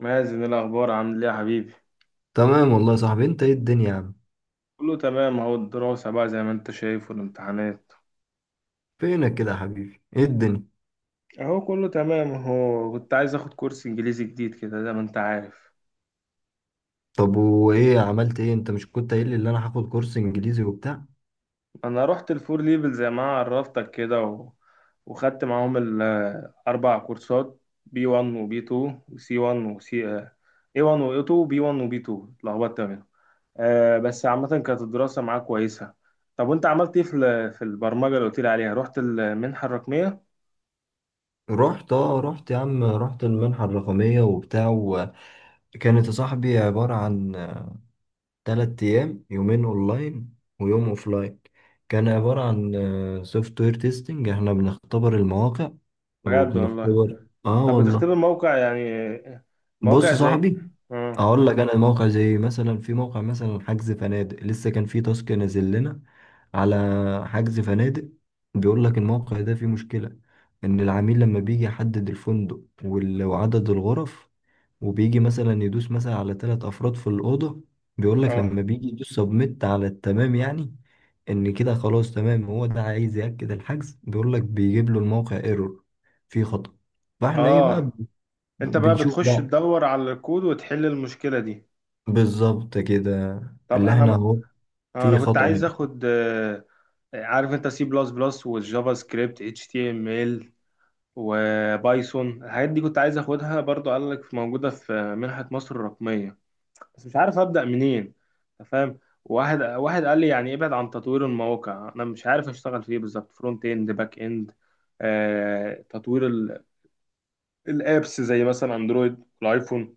مازن، إيه الأخبار؟ عامل إيه يا حبيبي؟ تمام، والله يا صاحبي. انت ايه الدنيا يا عم؟ كله تمام أهو. الدراسة بقى زي ما أنت شايف، والامتحانات فينك كده يا حبيبي؟ ايه الدنيا؟ أهو. كله تمام أهو. كنت عايز آخد كورس إنجليزي جديد كده، زي ما أنت عارف. طب وايه، عملت ايه؟ انت مش كنت قايل لي ان انا هاخد كورس انجليزي وبتاع؟ أنا رحت الفور ليفل زي ما عرفتك كده وخدت معاهم الأربع كورسات: بي 1 وبي 2 وسي 1 وسي اي 1 واي 2 بي 1 وبي 2. اتلخبطت منهم. آه بس عامة كانت الدراسة معاك كويسة. طب وأنت عملت إيه في في البرمجة اللي قلت لي عليها؟ رحت المنحة الرقمية؟ رحت يا عم، رحت المنحة الرقمية وبتاع، وكانت يا صاحبي عبارة عن 3 ايام: يومين اونلاين ويوم اوفلاين. كان عبارة عن سوفت وير تيستنج، احنا بنختبر المواقع بجد والله. وبنختبر. اه طب والله، بتختبر موقع يعني، بص موقع يا زي؟ صاحبي اه. اقول لك انا. موقع زي مثلا، في موقع مثلا حجز فنادق، لسه كان في تاسك نازل لنا على حجز فنادق. بيقول لك الموقع ده فيه مشكلة، ان العميل لما بيجي يحدد الفندق وعدد الغرف، وبيجي مثلا يدوس مثلا على ثلاث افراد في الأوضة، بيقول لك اه. لما بيجي يدوس سبميت على التمام، يعني ان كده خلاص تمام، هو ده عايز يأكد الحجز، بيقول لك بيجيب له الموقع ايرور، فيه خطأ. فاحنا ايه بقى، اه. انت بقى بنشوف بتخش بقى. تدور على الكود وتحل المشكلة دي؟ بالظبط كده. طب اللي انا احنا بقى، اهو. في انا كنت خطأ عايز هنا. اخد، عارف انت سي بلس بلس والجافا سكريبت اتش تي ام ال وبايثون، الحاجات دي كنت عايز اخدها برضو. قال لك موجودة في منحة مصر الرقمية، بس مش عارف ابدا منين. أنت فاهم؟ واحد واحد قال لي يعني ابعد عن تطوير المواقع. انا مش عارف اشتغل فيه بالظبط، فرونت اند باك اند. تطوير الابس زي مثلا اندرويد والايفون.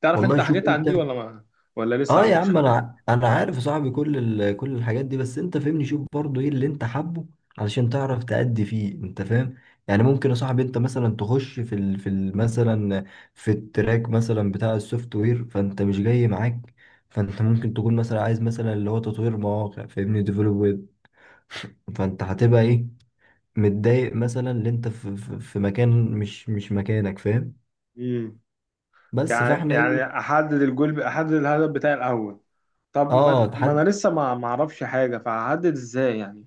تعرف والله انت شوف حاجات عن دي انت. ولا ما، ولا لسه اه يا عندكش عم، خلفيه؟ انا عارف يا صاحبي كل كل الحاجات دي، بس انت فهمني شوف برضو ايه اللي انت حابه علشان تعرف تأدي فيه، انت فاهم؟ يعني ممكن يا صاحبي انت مثلا تخش مثلا في التراك مثلا بتاع السوفت وير، فانت مش جاي معاك. فانت ممكن تكون مثلا عايز مثلا اللي هو تطوير مواقع، فاهمني، ديفلوب ويب. فانت هتبقى ايه، متضايق مثلا، اللي انت في مكان مش مكانك، فاهم؟ امم. بس يعني فاحنا يعني ايه. احدد الجول، احدد الهدف بتاعي الاول. طب اه ما تحد. انا لسه ما اعرفش حاجه، فهحدد ازاي يعني؟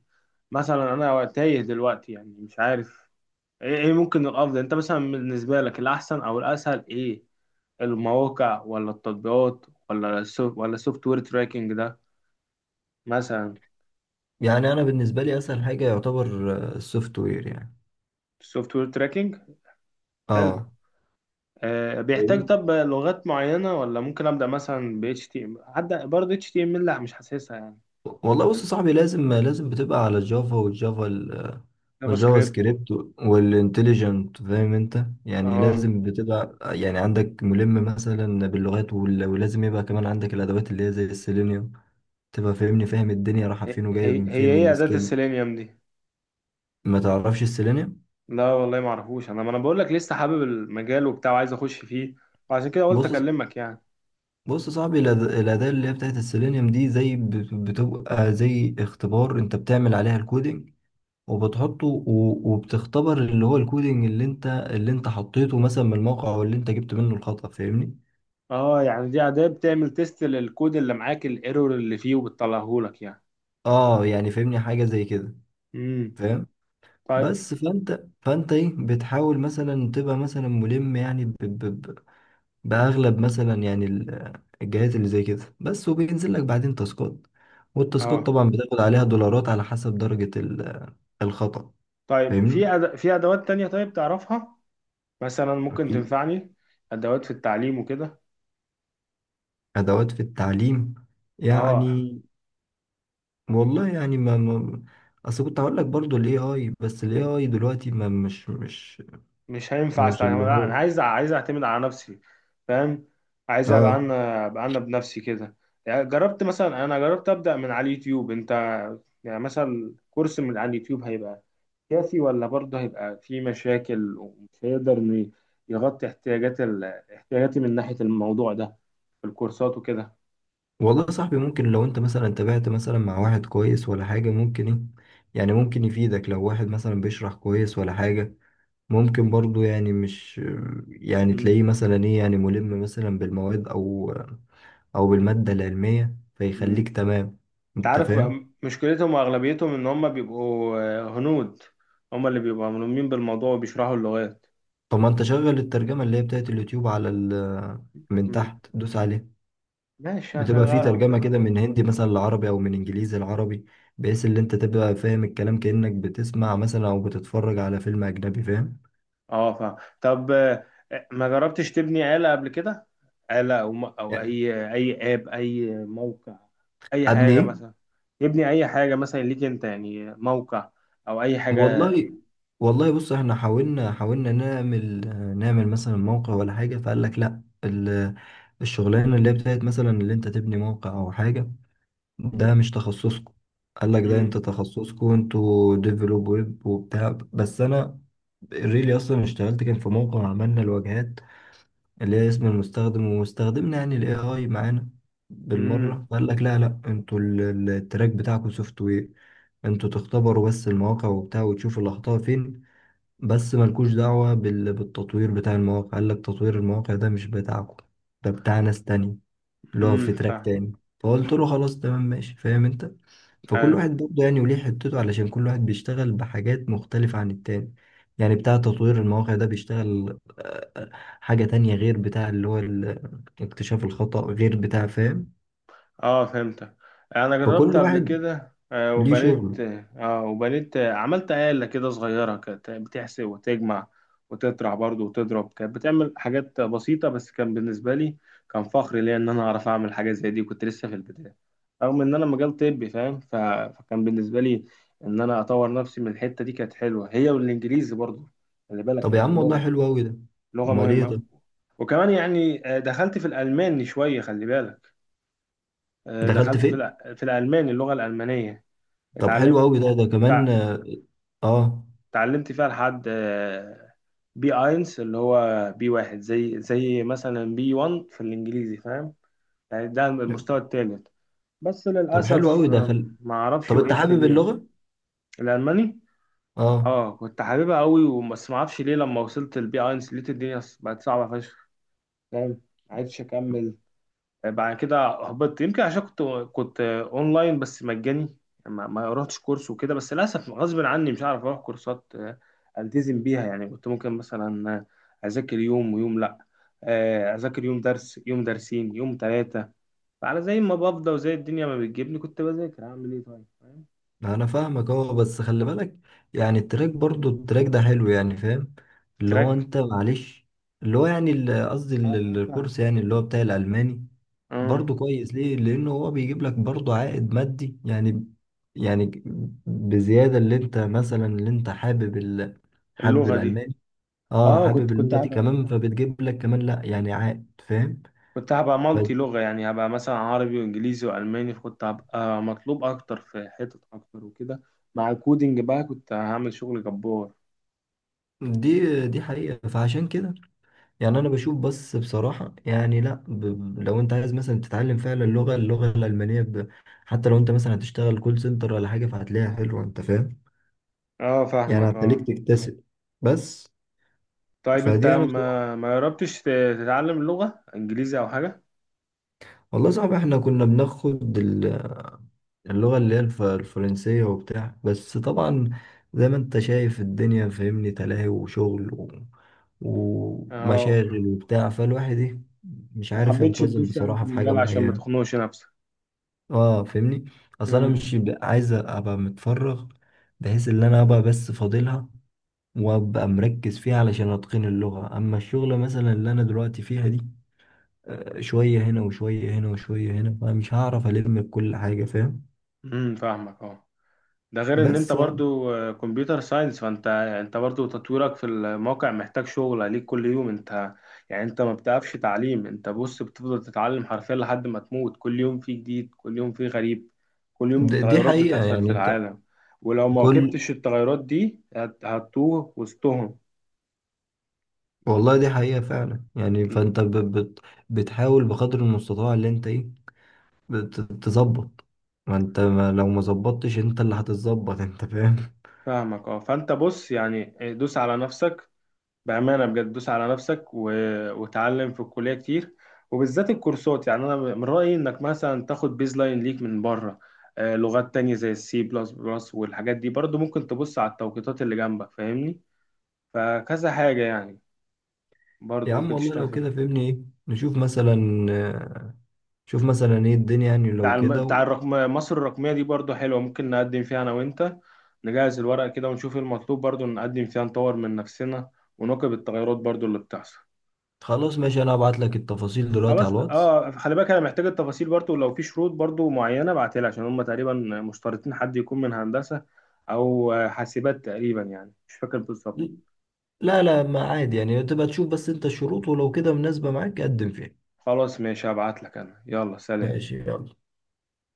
مثلا انا تايه دلوقتي، يعني مش عارف إيه ممكن الافضل. انت مثلا بالنسبه لك الاحسن او الاسهل ايه؟ المواقع ولا التطبيقات ولا السوفت، ولا السوفت وير تراكنج ده مثلا؟ يعني انا بالنسبه لي اسهل حاجه يعتبر السوفت وير يعني. السوفت وير تراكنج. حلو. اه أه بيحتاج فاهمني؟ طب لغات معينه ولا ممكن ابدا مثلا ب اتش تي ام؟ هبدا برضه اتش تي ام، لا مش حاسسها يعني. والله بص يا صاحبي، لازم لازم بتبقى على الجافا جافا والجافا سكريبت. سكريبت والانتليجنت، فاهم انت؟ يعني اه. لازم بتبقى يعني عندك ملم مثلا باللغات ولازم يبقى كمان عندك الادوات اللي هي زي السيلينيوم، تبقى فاهمني، فاهم الدنيا رايحه هي فين وجايه هي من هي فين ايه اداه والسكيل. السيلينيوم دي؟ ما تعرفش السيلينيوم؟ لا والله ما اعرفوش، انا ما انا بقول لك لسه حابب المجال وبتاع وعايز اخش فيه، وعشان كده قلت بص، اكلمك يعني. بص يا صاحبي، الأداة اللي هي بتاعت السيلينيوم دي زي بتبقى زي اختبار، انت بتعمل عليها الكودينج وبتحطه وبتختبر اللي هو الكودينج اللي انت حطيته مثلا من الموقع، او اللي انت جبت منه الخطأ، فاهمني؟ اه، يعني دي اداة بتعمل تيست للكود اللي معاك، الايرور اللي فيه وبتطلعه لك يعني. اه يعني فاهمني، حاجة زي كده. امم. فاهم. طيب. بس فانت ايه، بتحاول مثلا تبقى مثلا ملم، يعني ب ب ب باغلب مثلا يعني الجهات اللي زي كده بس، وبينزل لك بعدين تاسكات. والتاسكات اه طبعا بتاخد عليها دولارات على حسب درجة الخطأ، طيب، فاهمني؟ في في ادوات تانية طيب تعرفها مثلا ممكن في تنفعني؟ ادوات في التعليم وكده. ادوات في التعليم، اه يعني والله، يعني ما اصل كنت هقول لك برضو الاي اي، بس الاي اي دلوقتي ما، مش مش مش هينفع مش اللي استعمل، لا انا هو. عايز، اعتمد على نفسي فاهم. عايز ابقى اه انا، بنفسي كده يعني. جربت مثلا، انا جربت ابدا من على اليوتيوب انت. يعني مثلا كورس من على اليوتيوب هيبقى سياسي، ولا برضه هيبقى في مشاكل ومش هيقدر إنه يغطي احتياجات احتياجاتي من ناحية الموضوع ده، في الكورسات وكده. والله يا صاحبي، ممكن لو انت مثلا تابعت مثلا مع واحد كويس ولا حاجة، ممكن ايه، يعني ممكن يفيدك، لو واحد مثلا بيشرح كويس ولا حاجة، ممكن برضو يعني مش، يعني مم. تلاقيه مثلا ايه، يعني ملم مثلا بالمواد او بالمادة العلمية، فيخليك مم. تمام، انت انت عارف فاهم؟ مشكلتهم واغلبيتهم ان هم بيبقوا هنود. هم اللي بيبقوا ملمين بالموضوع وبيشرحوا اللغات. طب ما انت شغل الترجمة اللي هي بتاعت اليوتيوب على من مم. تحت، دوس عليها. ماشي بتبقى في هشغلها ترجمة وكده. كده من هندي مثلا لعربي او من انجليزي لعربي، بحيث ان انت تبقى فاهم الكلام كأنك بتسمع مثلا او بتتفرج على فيلم اجنبي، فاهم؟ اه فاهم. طب ما جربتش تبني آلة قبل كده؟ آلة أو أو يعني أي آب أي موقع، أي ابني حاجة ايه؟ مثلا، يبني أي حاجة مثلا ليك أنت، يعني موقع أو أي حاجة. والله، والله بص، احنا حاولنا حاولنا نعمل، نعمل مثلا موقع ولا حاجة، فقال لك لا، الشغلانة اللي هي بتاعت مثلا اللي انت تبني موقع او حاجة، ده مش تخصصكم. قال لك ده انت امم. تخصصكم، انتوا ديفلوب ويب وبتاع، بس انا ريلي اصلا اشتغلت، كان في موقع عملنا الواجهات اللي هي اسم المستخدم، واستخدمنا يعني الاي اي معانا امم. بالمره. قال لك لا لا، انتوا التراك بتاعكم سوفت وير، انتوا تختبروا بس المواقع وبتاع وتشوفوا الاخطاء فين، بس ملكوش دعوه بالتطوير بتاع المواقع. قال لك تطوير المواقع ده مش بتاعكم، ده بتاع ناس تانية، اللي هو امم. في تراك فاهم. تاني. فقلت له خلاص تمام ماشي، فاهم انت. فكل أيوة. واحد برضه يعني وليه حتته، علشان كل واحد بيشتغل بحاجات مختلفة عن التاني. يعني بتاع تطوير المواقع ده بيشتغل حاجة تانية، غير بتاع اللي هو اكتشاف الخطأ، غير بتاع، فاهم؟ اه فهمتك. انا جربت فكل قبل واحد كده ليه وبنيت. شغله. اه وبنيت، عملت آلة كده صغيرة، كانت بتحسب وتجمع وتطرح برضه وتضرب. كانت بتعمل حاجات بسيطة، بس كان بالنسبة لي كان فخر ليا ان انا اعرف اعمل حاجة زي دي. كنت لسه في البداية، رغم ان انا مجال طبي فاهم، فكان بالنسبة لي ان انا اطور نفسي من الحتة دي كانت حلوة، هي والانجليزي برضه. خلي بالك طب يا يعني، عم والله اللغة حلو أوي ده. لغة أمال إيه مهمة. طب؟ وكمان يعني، دخلت في الألماني شوية خلي بالك. دخلت دخلت في فين؟ في الألماني، اللغة الألمانية. طب حلو اتعلمت. أوي ده، ده تع- كمان آه. آه. اتعلمت فيها لحد بي اينس، اللي هو بي واحد، زي مثلا بي 1 في الإنجليزي فاهم، يعني ده المستوى الثالث. بس طب حلو للأسف أوي، دخل. ما أعرفش طب أنت وقفت حابب ليه. اللغة؟ الألماني، آه. اه كنت حاببها قوي، بس ما اعرفش ليه لما وصلت البي اينس لقيت الدنيا بقت صعبة فشخ. فاهم، ما عرفتش أكمل. بعد كده هبطت، يمكن عشان كنت اونلاين بس مجاني. ما رحتش كورس وكده. بس للاسف غصب عني مش هعرف اروح كورسات، التزم بيها يعني. كنت ممكن مثلا اذاكر يوم ويوم لا، اذاكر يوم درس، يوم درسين، يوم ثلاثه. فعلى زي ما بفضى وزي الدنيا ما بتجيبني كنت بذاكر. اعمل ايه طيب فاهم؟ انا فاهمك اهو، بس خلي بالك، يعني التراك، برضو التراك ده حلو، يعني فاهم اللي هو تراك. انت معلش، اللي هو يعني قصدي اه. اه فاهم. الكورس يعني اللي هو بتاع الالماني. اه. برضو كويس، ليه؟ لانه هو بيجيب لك برضو عائد مادي، يعني يعني بزيادة، اللي انت حابب حابب اللغه دي. الالماني. اه، اه كنت حابب كنت اللغة دي هبقى كمان، فبتجيب لك كمان لا يعني عائد، فاهم؟ كنت هبقى مالتي لغة يعني، هبقى مثلا عربي وإنجليزي وألماني، كنت هبقى مطلوب أكتر في حتت أكتر وكده. مع الكودينج بقى كنت هعمل شغل جبار. بس أنت. فدي حقيقة، فعشان كده يعني انا بشوف بس بصراحة، يعني لا، لو انت عايز مثلا تتعلم فعلا اللغة الألمانية ب... حتى لو انت مثلا هتشتغل كول سنتر ولا حاجة، فهتلاقيها حلوة، انت فاهم؟ أه يعني فاهمك هتخليك أه. تكتسب، بس طيب أنت فدي انا بصراحة. ما جربتش تتعلم لغة إنجليزي أو حاجة؟ والله صعب. احنا كنا بناخد اللغة اللي هي الفرنسية وبتاع، بس طبعا زي ما انت شايف الدنيا، فاهمني، تلاهي وشغل أه. ومشاغل وبتاع، فالواحد ايه، مش ما عارف حبيتش ينتظم تدوس يعني في بصراحة في حاجة المجال عشان ما معينة. تخنقش نفسك. اه فاهمني، اصل انا امم. مش عايز ابقى متفرغ، بحيث ان انا ابقى بس فاضلها، وابقى مركز فيها علشان اتقن اللغة. اما الشغلة مثلا اللي انا دلوقتي فيها دي، شوية هنا وشوية هنا وشوية هنا، فمش هعرف الم بكل حاجة، فاهم؟ فاهمك أه. ده غير ان انت بس يعني برضو كمبيوتر ساينس، فانت برضو تطويرك في الموقع محتاج شغل عليك كل يوم انت. يعني انت ما بتقفش تعليم، انت بص بتفضل تتعلم حرفيا لحد ما تموت. كل يوم فيه جديد، كل يوم فيه غريب، كل يوم دي تغيرات حقيقة بتحصل في يعني انت، العالم. ولو ما كل، واكبتش التغيرات دي هتتوه وسطهم. والله دي حقيقة فعلا، يعني فانت بت... بتحاول بقدر المستطاع اللي انت ايه، تظبط. ما انت ما، لو ما ظبطتش انت، اللي هتتظبط انت، فاهم؟ فاهمك اه. فانت بص يعني دوس على نفسك، بأمانة بجد دوس على نفسك وتعلم في الكلية كتير. وبالذات الكورسات يعني، أنا من رأيي إنك مثلا تاخد بيز لاين ليك من بره، لغات تانية زي السي بلس بلس والحاجات دي برضو. ممكن تبص على التوقيتات اللي جنبك فاهمني، فكذا حاجة يعني برضو يا عم ممكن والله تشتغل لو فيهم. كده فهمني ايه، نشوف مثلا شوف مثلا ايه الدنيا يعني، لو بتاع كده بتاع مصر الرقمية دي برضو حلوة، ممكن نقدم فيها أنا وأنت. نجهز الورق كده ونشوف إيه المطلوب، برضو نقدم فيها نطور من نفسنا ونواكب التغيرات برضو اللي بتحصل. خلاص ماشي، انا هبعت لك التفاصيل دلوقتي على خلاص الواتس. اه. خلي بالك انا محتاج التفاصيل برضو، لو في شروط برضو معينه ابعتها لي، عشان هم تقريبا مشترطين حد يكون من هندسه او حاسبات تقريبا، يعني مش فاكر بالظبط. لا لا، ما عادي يعني، تبقى تشوف بس انت الشروط، ولو كده مناسبة معاك قدم فيها. خلاص ماشي، هبعت لك انا. يلا سلام. ماشي يلا.